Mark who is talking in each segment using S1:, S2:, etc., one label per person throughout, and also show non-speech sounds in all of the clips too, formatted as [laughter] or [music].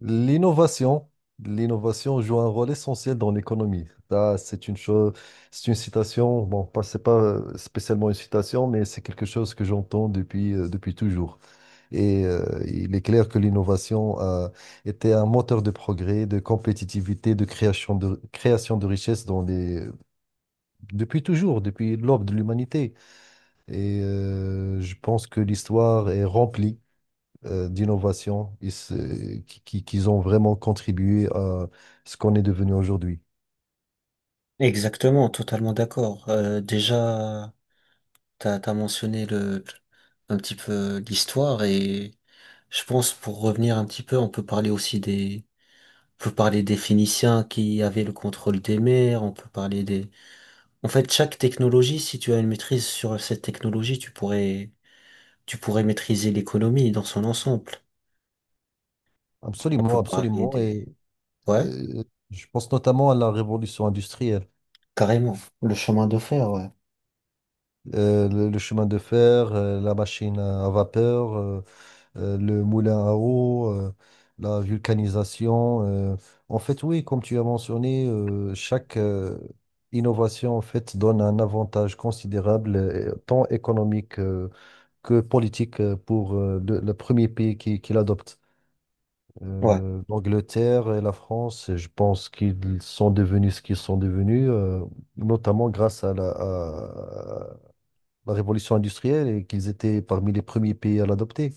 S1: L'innovation, l'innovation joue un rôle essentiel dans l'économie. Là, c'est une chose, c'est une citation, bon, pas, c'est pas spécialement une citation, mais c'est quelque chose que j'entends depuis toujours. Et il est clair que l'innovation a été un moteur de progrès, de compétitivité, de création de richesses depuis toujours, depuis l'aube de l'humanité. Et je pense que l'histoire est remplie d'innovation et qu'ils ont vraiment contribué à ce qu'on est devenu aujourd'hui.
S2: Exactement, totalement d'accord. Déjà, t'as mentionné un petit peu l'histoire et je pense pour revenir un petit peu, on peut parler aussi on peut parler des Phéniciens qui avaient le contrôle des mers, on peut parler en fait, chaque technologie, si tu as une maîtrise sur cette technologie, tu pourrais maîtriser l'économie dans son ensemble. On
S1: Absolument,
S2: peut parler
S1: absolument. Et
S2: ouais,
S1: euh, je pense notamment à la révolution industrielle.
S2: carrément, le chemin de fer, ouais.
S1: Le chemin de fer, la machine à vapeur, le moulin à eau, la vulcanisation. En fait, oui, comme tu as mentionné, chaque innovation en fait donne un avantage considérable, tant économique, que politique pour le premier pays qui l'adopte.
S2: Ouais,
S1: L'Angleterre et la France, je pense qu'ils sont devenus ce qu'ils sont devenus, notamment grâce à la révolution industrielle et qu'ils étaient parmi les premiers pays à l'adopter.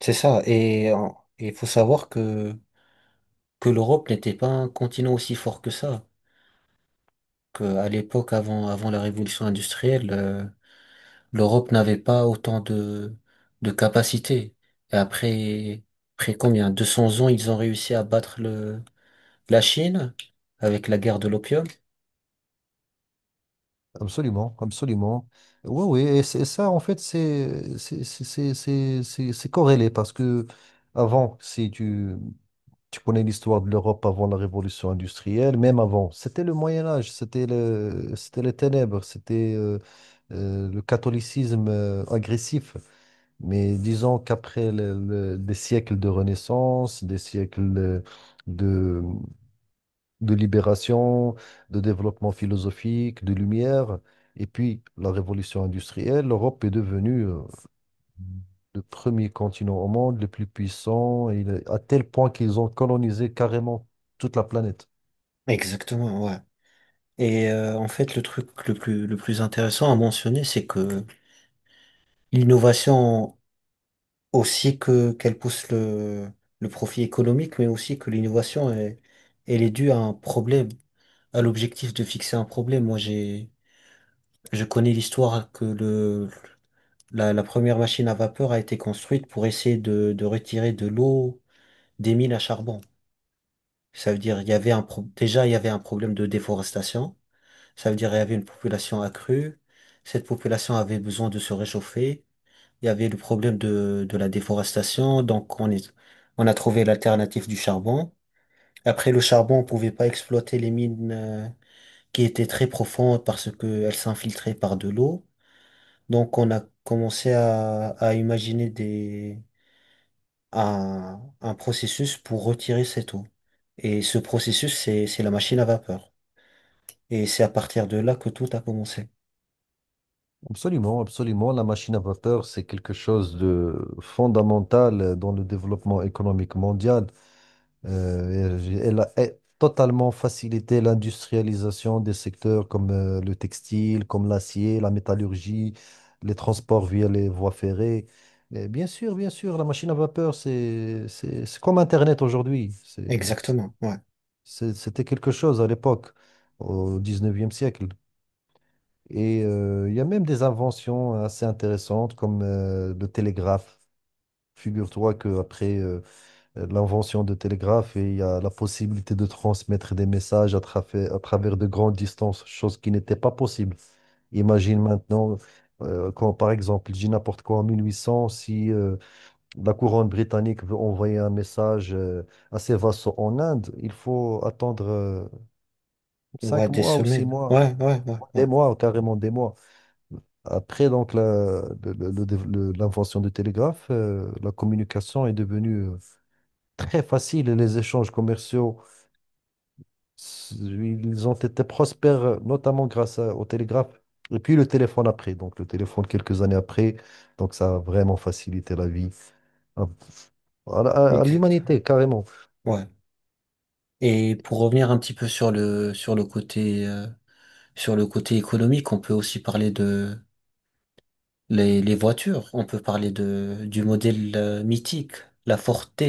S2: c'est ça. Et il faut savoir que l'Europe n'était pas un continent aussi fort que ça, qu'à l'époque avant la révolution industrielle, l'Europe n'avait pas autant de capacités. Et après, après combien? 200 ans, ils ont réussi à battre la Chine avec la guerre de l'opium.
S1: Absolument, absolument. Oui, oui, et ça, en fait, c'est corrélé parce que avant, si tu, tu connais l'histoire de l'Europe avant la révolution industrielle, même avant. C'était le Moyen Âge, c'était les ténèbres, c'était le catholicisme agressif. Mais disons qu'après des siècles de Renaissance, des siècles de, de libération, de développement philosophique, de lumière, et puis la révolution industrielle, l'Europe est devenue le premier continent au monde, le plus puissant, et à tel point qu'ils ont colonisé carrément toute la planète.
S2: Exactement, ouais. Et en fait, le truc le plus intéressant à mentionner, c'est que l'innovation, aussi que qu'elle pousse le profit économique, mais aussi que l'innovation, elle est due à un problème à l'objectif de fixer un problème. Moi, je connais l'histoire que la première machine à vapeur a été construite pour essayer de retirer de l'eau des mines à charbon. Ça veut dire, il y avait déjà, il y avait un problème de déforestation. Ça veut dire, il y avait une population accrue. Cette population avait besoin de se réchauffer. Il y avait le problème de la déforestation. Donc, on a trouvé l'alternative du charbon. Après, le charbon, on pouvait pas exploiter les mines, qui était très profonde parce qu'elle s'infiltrait par de l'eau. Donc on a commencé à imaginer un processus pour retirer cette eau. Et ce processus, c'est la machine à vapeur. Et c'est à partir de là que tout a commencé.
S1: Absolument, absolument. La machine à vapeur, c'est quelque chose de fondamental dans le développement économique mondial. Elle a totalement facilité l'industrialisation des secteurs comme le textile, comme l'acier, la métallurgie, les transports via les voies ferrées. Et bien sûr, la machine à vapeur, c'est comme Internet aujourd'hui. C'est-
S2: Exactement, ouais.
S1: C'est- C'était quelque chose à l'époque, au 19e siècle. Et il y a même des inventions assez intéressantes comme le télégraphe. Figure-toi qu'après l'invention de télégraphe, il y a la possibilité de transmettre des messages à travers de grandes distances, chose qui n'était pas possible. Imagine maintenant, quand par exemple, je dis n'importe quoi, en 1800, si la couronne britannique veut envoyer un message à ses vassaux en Inde, il faut attendre.
S2: Ouais,
S1: Cinq
S2: des
S1: mois ou six
S2: semaines.
S1: mois,
S2: Ouais, ouais, ouais,
S1: des
S2: ouais.
S1: mois, carrément des mois. Après donc l'invention du télégraphe, la communication est devenue très facile et les échanges commerciaux, ils ont été prospères, notamment grâce au télégraphe et puis le téléphone après. Donc le téléphone quelques années après, donc ça a vraiment facilité la vie à, à
S2: Exactement.
S1: l'humanité carrément.
S2: Ouais. Et pour revenir un petit peu sur sur le côté économique, on peut aussi parler les voitures. On peut parler du modèle mythique, la Forte.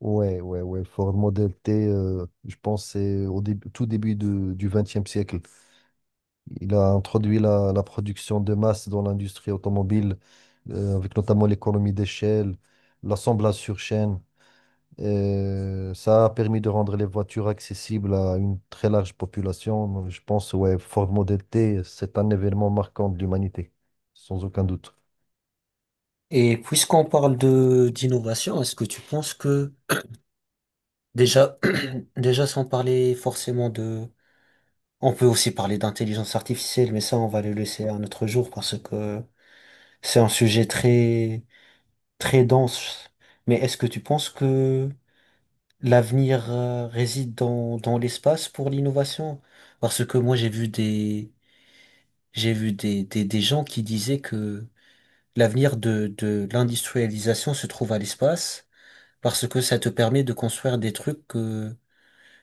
S1: Ouais, ouais, ouais. Ford Model T, je pense c'est au début, tout début du XXe siècle. Il a introduit la production de masse dans l'industrie automobile, avec notamment l'économie d'échelle, l'assemblage sur chaîne. Et ça a permis de rendre les voitures accessibles à une très large population. Donc, je pense, ouais, Ford Model T, c'est un événement marquant de l'humanité, sans aucun doute.
S2: Et puisqu'on parle de d'innovation, est-ce que tu penses que déjà, [clears throat] déjà sans parler forcément on peut aussi parler d'intelligence artificielle, mais ça on va le laisser à un autre jour parce que c'est un sujet très très dense. Mais est-ce que tu penses que l'avenir réside dans l'espace pour l'innovation? Parce que moi j'ai vu des gens qui disaient que l'avenir de l'industrialisation se trouve à l'espace parce que ça te permet de construire des trucs que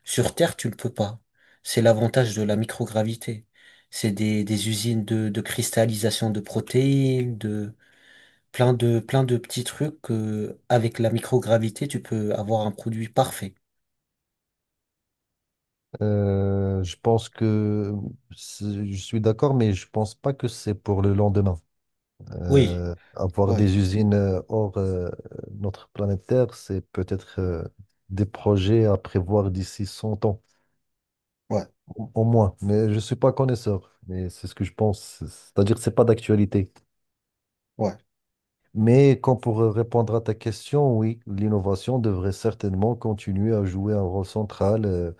S2: sur Terre tu ne peux pas. C'est l'avantage de la microgravité. C'est des usines de cristallisation de protéines, de plein de plein de petits trucs que avec la microgravité tu peux avoir un produit parfait.
S1: Je pense que je suis d'accord, mais je pense pas que c'est pour le lendemain.
S2: Oui.
S1: Avoir
S2: Oui.
S1: des usines hors notre planète Terre, c'est peut-être des projets à prévoir d'ici 100 ans,
S2: Ouais,
S1: au moins. Mais je ne suis pas connaisseur, mais c'est ce que je pense. C'est-à-dire que ce n'est pas d'actualité.
S2: ouais,
S1: Mais quand pour répondre à ta question, oui, l'innovation devrait certainement continuer à jouer un rôle central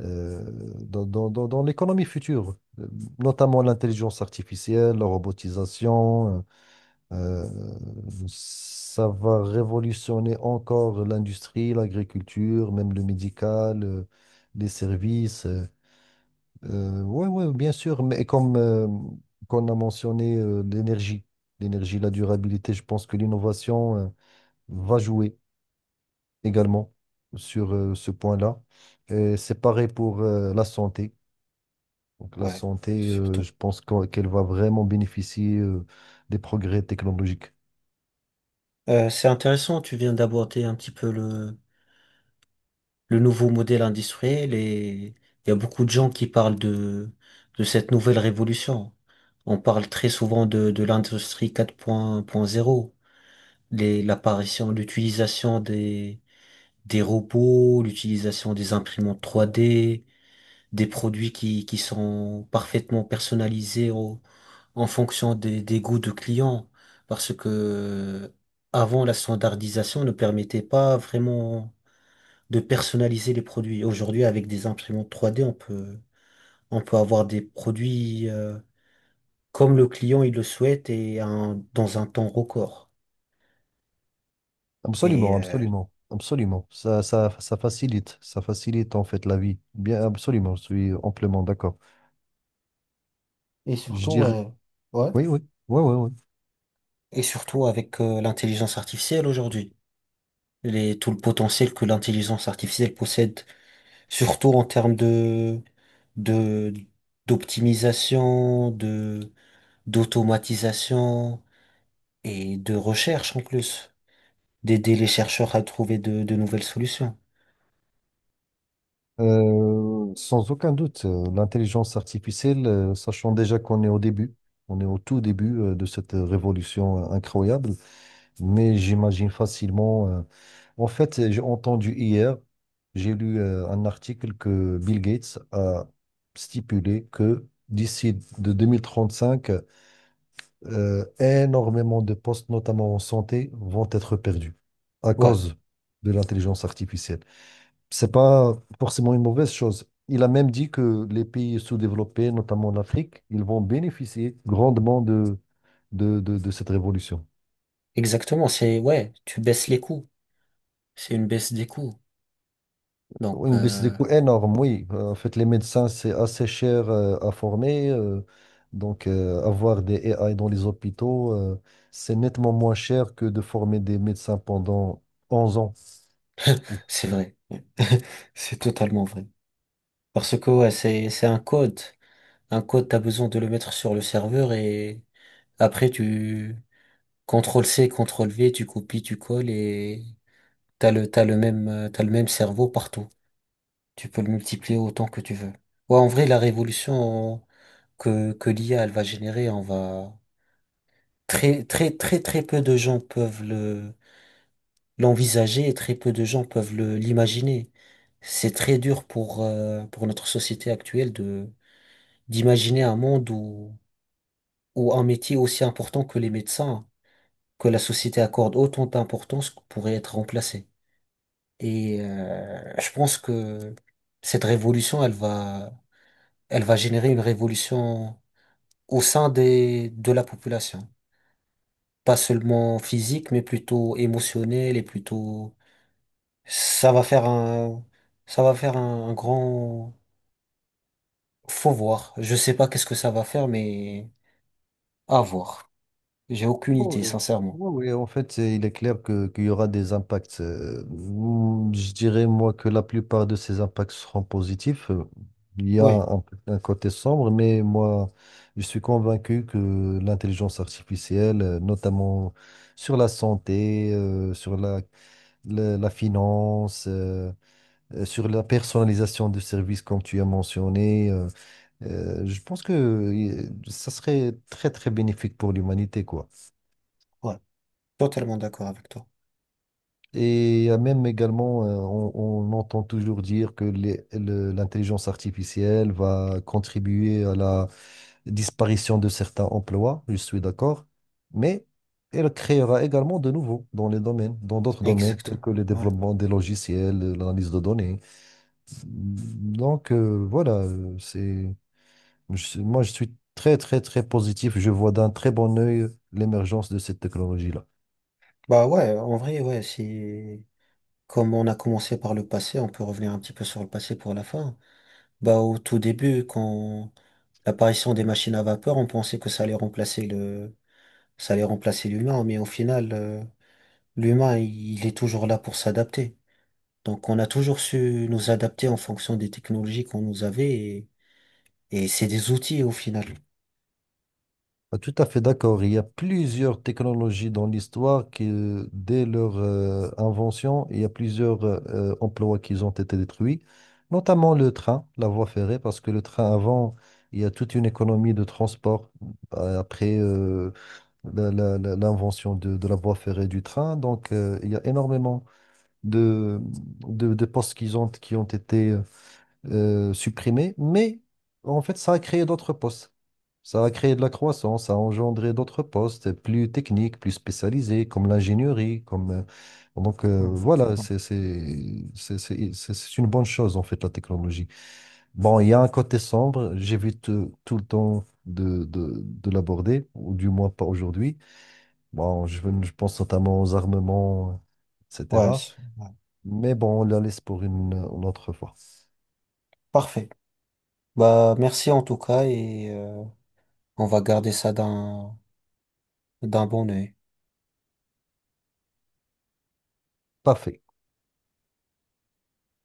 S1: euh, dans l'économie future, notamment l'intelligence artificielle, la robotisationEuh, Ça va révolutionner encore l'industrie, l'agriculture, même le médical, les services. Ouais, ouais, bien sûr, mais comme qu'on a mentionné l'énergie, la durabilité, je pense que l'innovation va jouer également sur ce point-là. Et c'est pareil pour la santé. Donc la
S2: ouais,
S1: santé,
S2: surtout.
S1: je pense qu'elle va vraiment bénéficier des progrès technologiques.
S2: C'est intéressant, tu viens d'aborder un petit peu le nouveau modèle industriel et il y a beaucoup de gens qui parlent de cette nouvelle révolution. On parle très souvent de l'industrie 4.0, l'apparition, l'utilisation des robots, l'utilisation des imprimantes 3D, des produits qui sont parfaitement personnalisés en fonction des goûts de clients. Parce que avant, la standardisation ne permettait pas vraiment de personnaliser les produits. Aujourd'hui, avec des imprimantes 3D, on peut avoir des produits comme le client il le souhaite et dans un temps record. Et,
S1: Absolument,
S2: euh,
S1: absolument, absolument. Ça facilite en fait la vie. Bien, absolument, je suis amplement d'accord.
S2: et
S1: Je
S2: surtout,
S1: dirais,
S2: ouais, ouais.
S1: oui, oui, oui, oui, oui.
S2: Et surtout avec l'intelligence artificielle aujourd'hui. Tout le potentiel que l'intelligence artificielle possède, surtout en termes de, d'optimisation, d'automatisation et de recherche en plus, d'aider les chercheurs à trouver de nouvelles solutions.
S1: Sans aucun doute, l'intelligence artificielle, sachant déjà qu'on est au début, on est au tout début de cette révolution incroyable, mais j'imagine facilement. En fait, j'ai entendu hier, j'ai lu un article que Bill Gates a stipulé que d'ici de 2035, énormément de postes, notamment en santé, vont être perdus à
S2: Ouais,
S1: cause de l'intelligence artificielle. C'est pas forcément une mauvaise chose. Il a même dit que les pays sous-développés, notamment en Afrique, ils vont bénéficier grandement de cette révolution.
S2: exactement. Ouais, tu baisses les coûts. C'est une baisse des coûts. Donc,
S1: Oui, une baisse des coûts énorme, oui. En fait, les médecins, c'est assez cher à former. Donc, avoir des AI dans les hôpitaux, c'est nettement moins cher que de former des médecins pendant 11 ans.
S2: c'est vrai. [laughs] C'est totalement vrai. Parce que, ouais, c'est un code. Un code, t'as besoin de le mettre sur le serveur et après, CTRL-C, CTRL-V, tu copies, tu colles et t'as le même cerveau partout. Tu peux le multiplier autant que tu veux. Ouais, en vrai, la révolution que l'IA, elle va générer, très, très, très, très peu de gens peuvent l'envisager et très peu de gens peuvent l'imaginer. C'est très dur pour notre société actuelle d'imaginer un monde où un métier aussi important que les médecins, que la société accorde autant d'importance pourrait être remplacé. Et je pense que cette révolution, elle va générer une révolution au sein de la population. Pas seulement physique, mais plutôt émotionnelle et plutôt, ça va faire un, ça va faire un grand, faut voir. Je sais pas qu'est-ce que ça va faire, mais à voir. J'ai aucune
S1: Oui,
S2: idée, sincèrement.
S1: oui, oui, en fait, il est clair que, qu'il y aura des impacts. Ou Je dirais, moi, que la plupart de ces impacts seront positifs. Il y a
S2: Ouais,
S1: un côté sombre, mais moi, je suis convaincu que l'intelligence artificielle, notamment sur la santé, sur la finance, sur la personnalisation de services, comme tu as mentionné, je pense que ça serait très, très bénéfique pour l'humanité, quoi.
S2: ouais. Totalement d'accord avec toi.
S1: Et il y a même également, on entend toujours dire que l'intelligence artificielle va contribuer à la disparition de certains emplois, je suis d'accord, mais elle créera également de nouveaux dans les domaines, dans d'autres domaines tels
S2: Exactement.
S1: que le
S2: Ouais.
S1: développement des logiciels, l'analyse de données. Donc voilà, moi je suis très, très, très positif, je vois d'un très bon œil l'émergence de cette technologie-là.
S2: Bah ouais, en vrai, ouais, c'est. Comme on a commencé par le passé, on peut revenir un petit peu sur le passé pour la fin. Bah, au tout début, quand l'apparition des machines à vapeur, on pensait que ça allait remplacer ça allait remplacer l'humain, mais au final, l'humain, il est toujours là pour s'adapter. Donc, on a toujours su nous adapter en fonction des technologies qu'on nous avait et c'est des outils au final.
S1: Ah, tout à fait d'accord. Il y a plusieurs technologies dans l'histoire qui, dès leur invention, il y a plusieurs emplois qui ont été détruits, notamment le train, la voie ferrée, parce que le train avant, il y a toute une économie de transport après l'invention de la voie ferrée du train. Donc, il y a énormément de, de postes qui ont été supprimés, mais en fait, ça a créé d'autres postes. Ça a créé de la croissance, ça a engendré d'autres postes plus techniques, plus spécialisés, comme l'ingénierie, donc
S2: Mm.
S1: voilà,
S2: Mm.
S1: c'est une bonne chose en fait, la technologie. Bon, il y a un côté sombre, j'évite tout le temps de l'aborder, ou du moins pas aujourd'hui. Bon, je pense notamment aux armements,
S2: Ouais,
S1: etc.
S2: ouais.
S1: Mais bon, on la laisse pour une autre fois.
S2: Parfait. Bah, merci en tout cas et on va garder ça d'un bon œil.
S1: Parfait.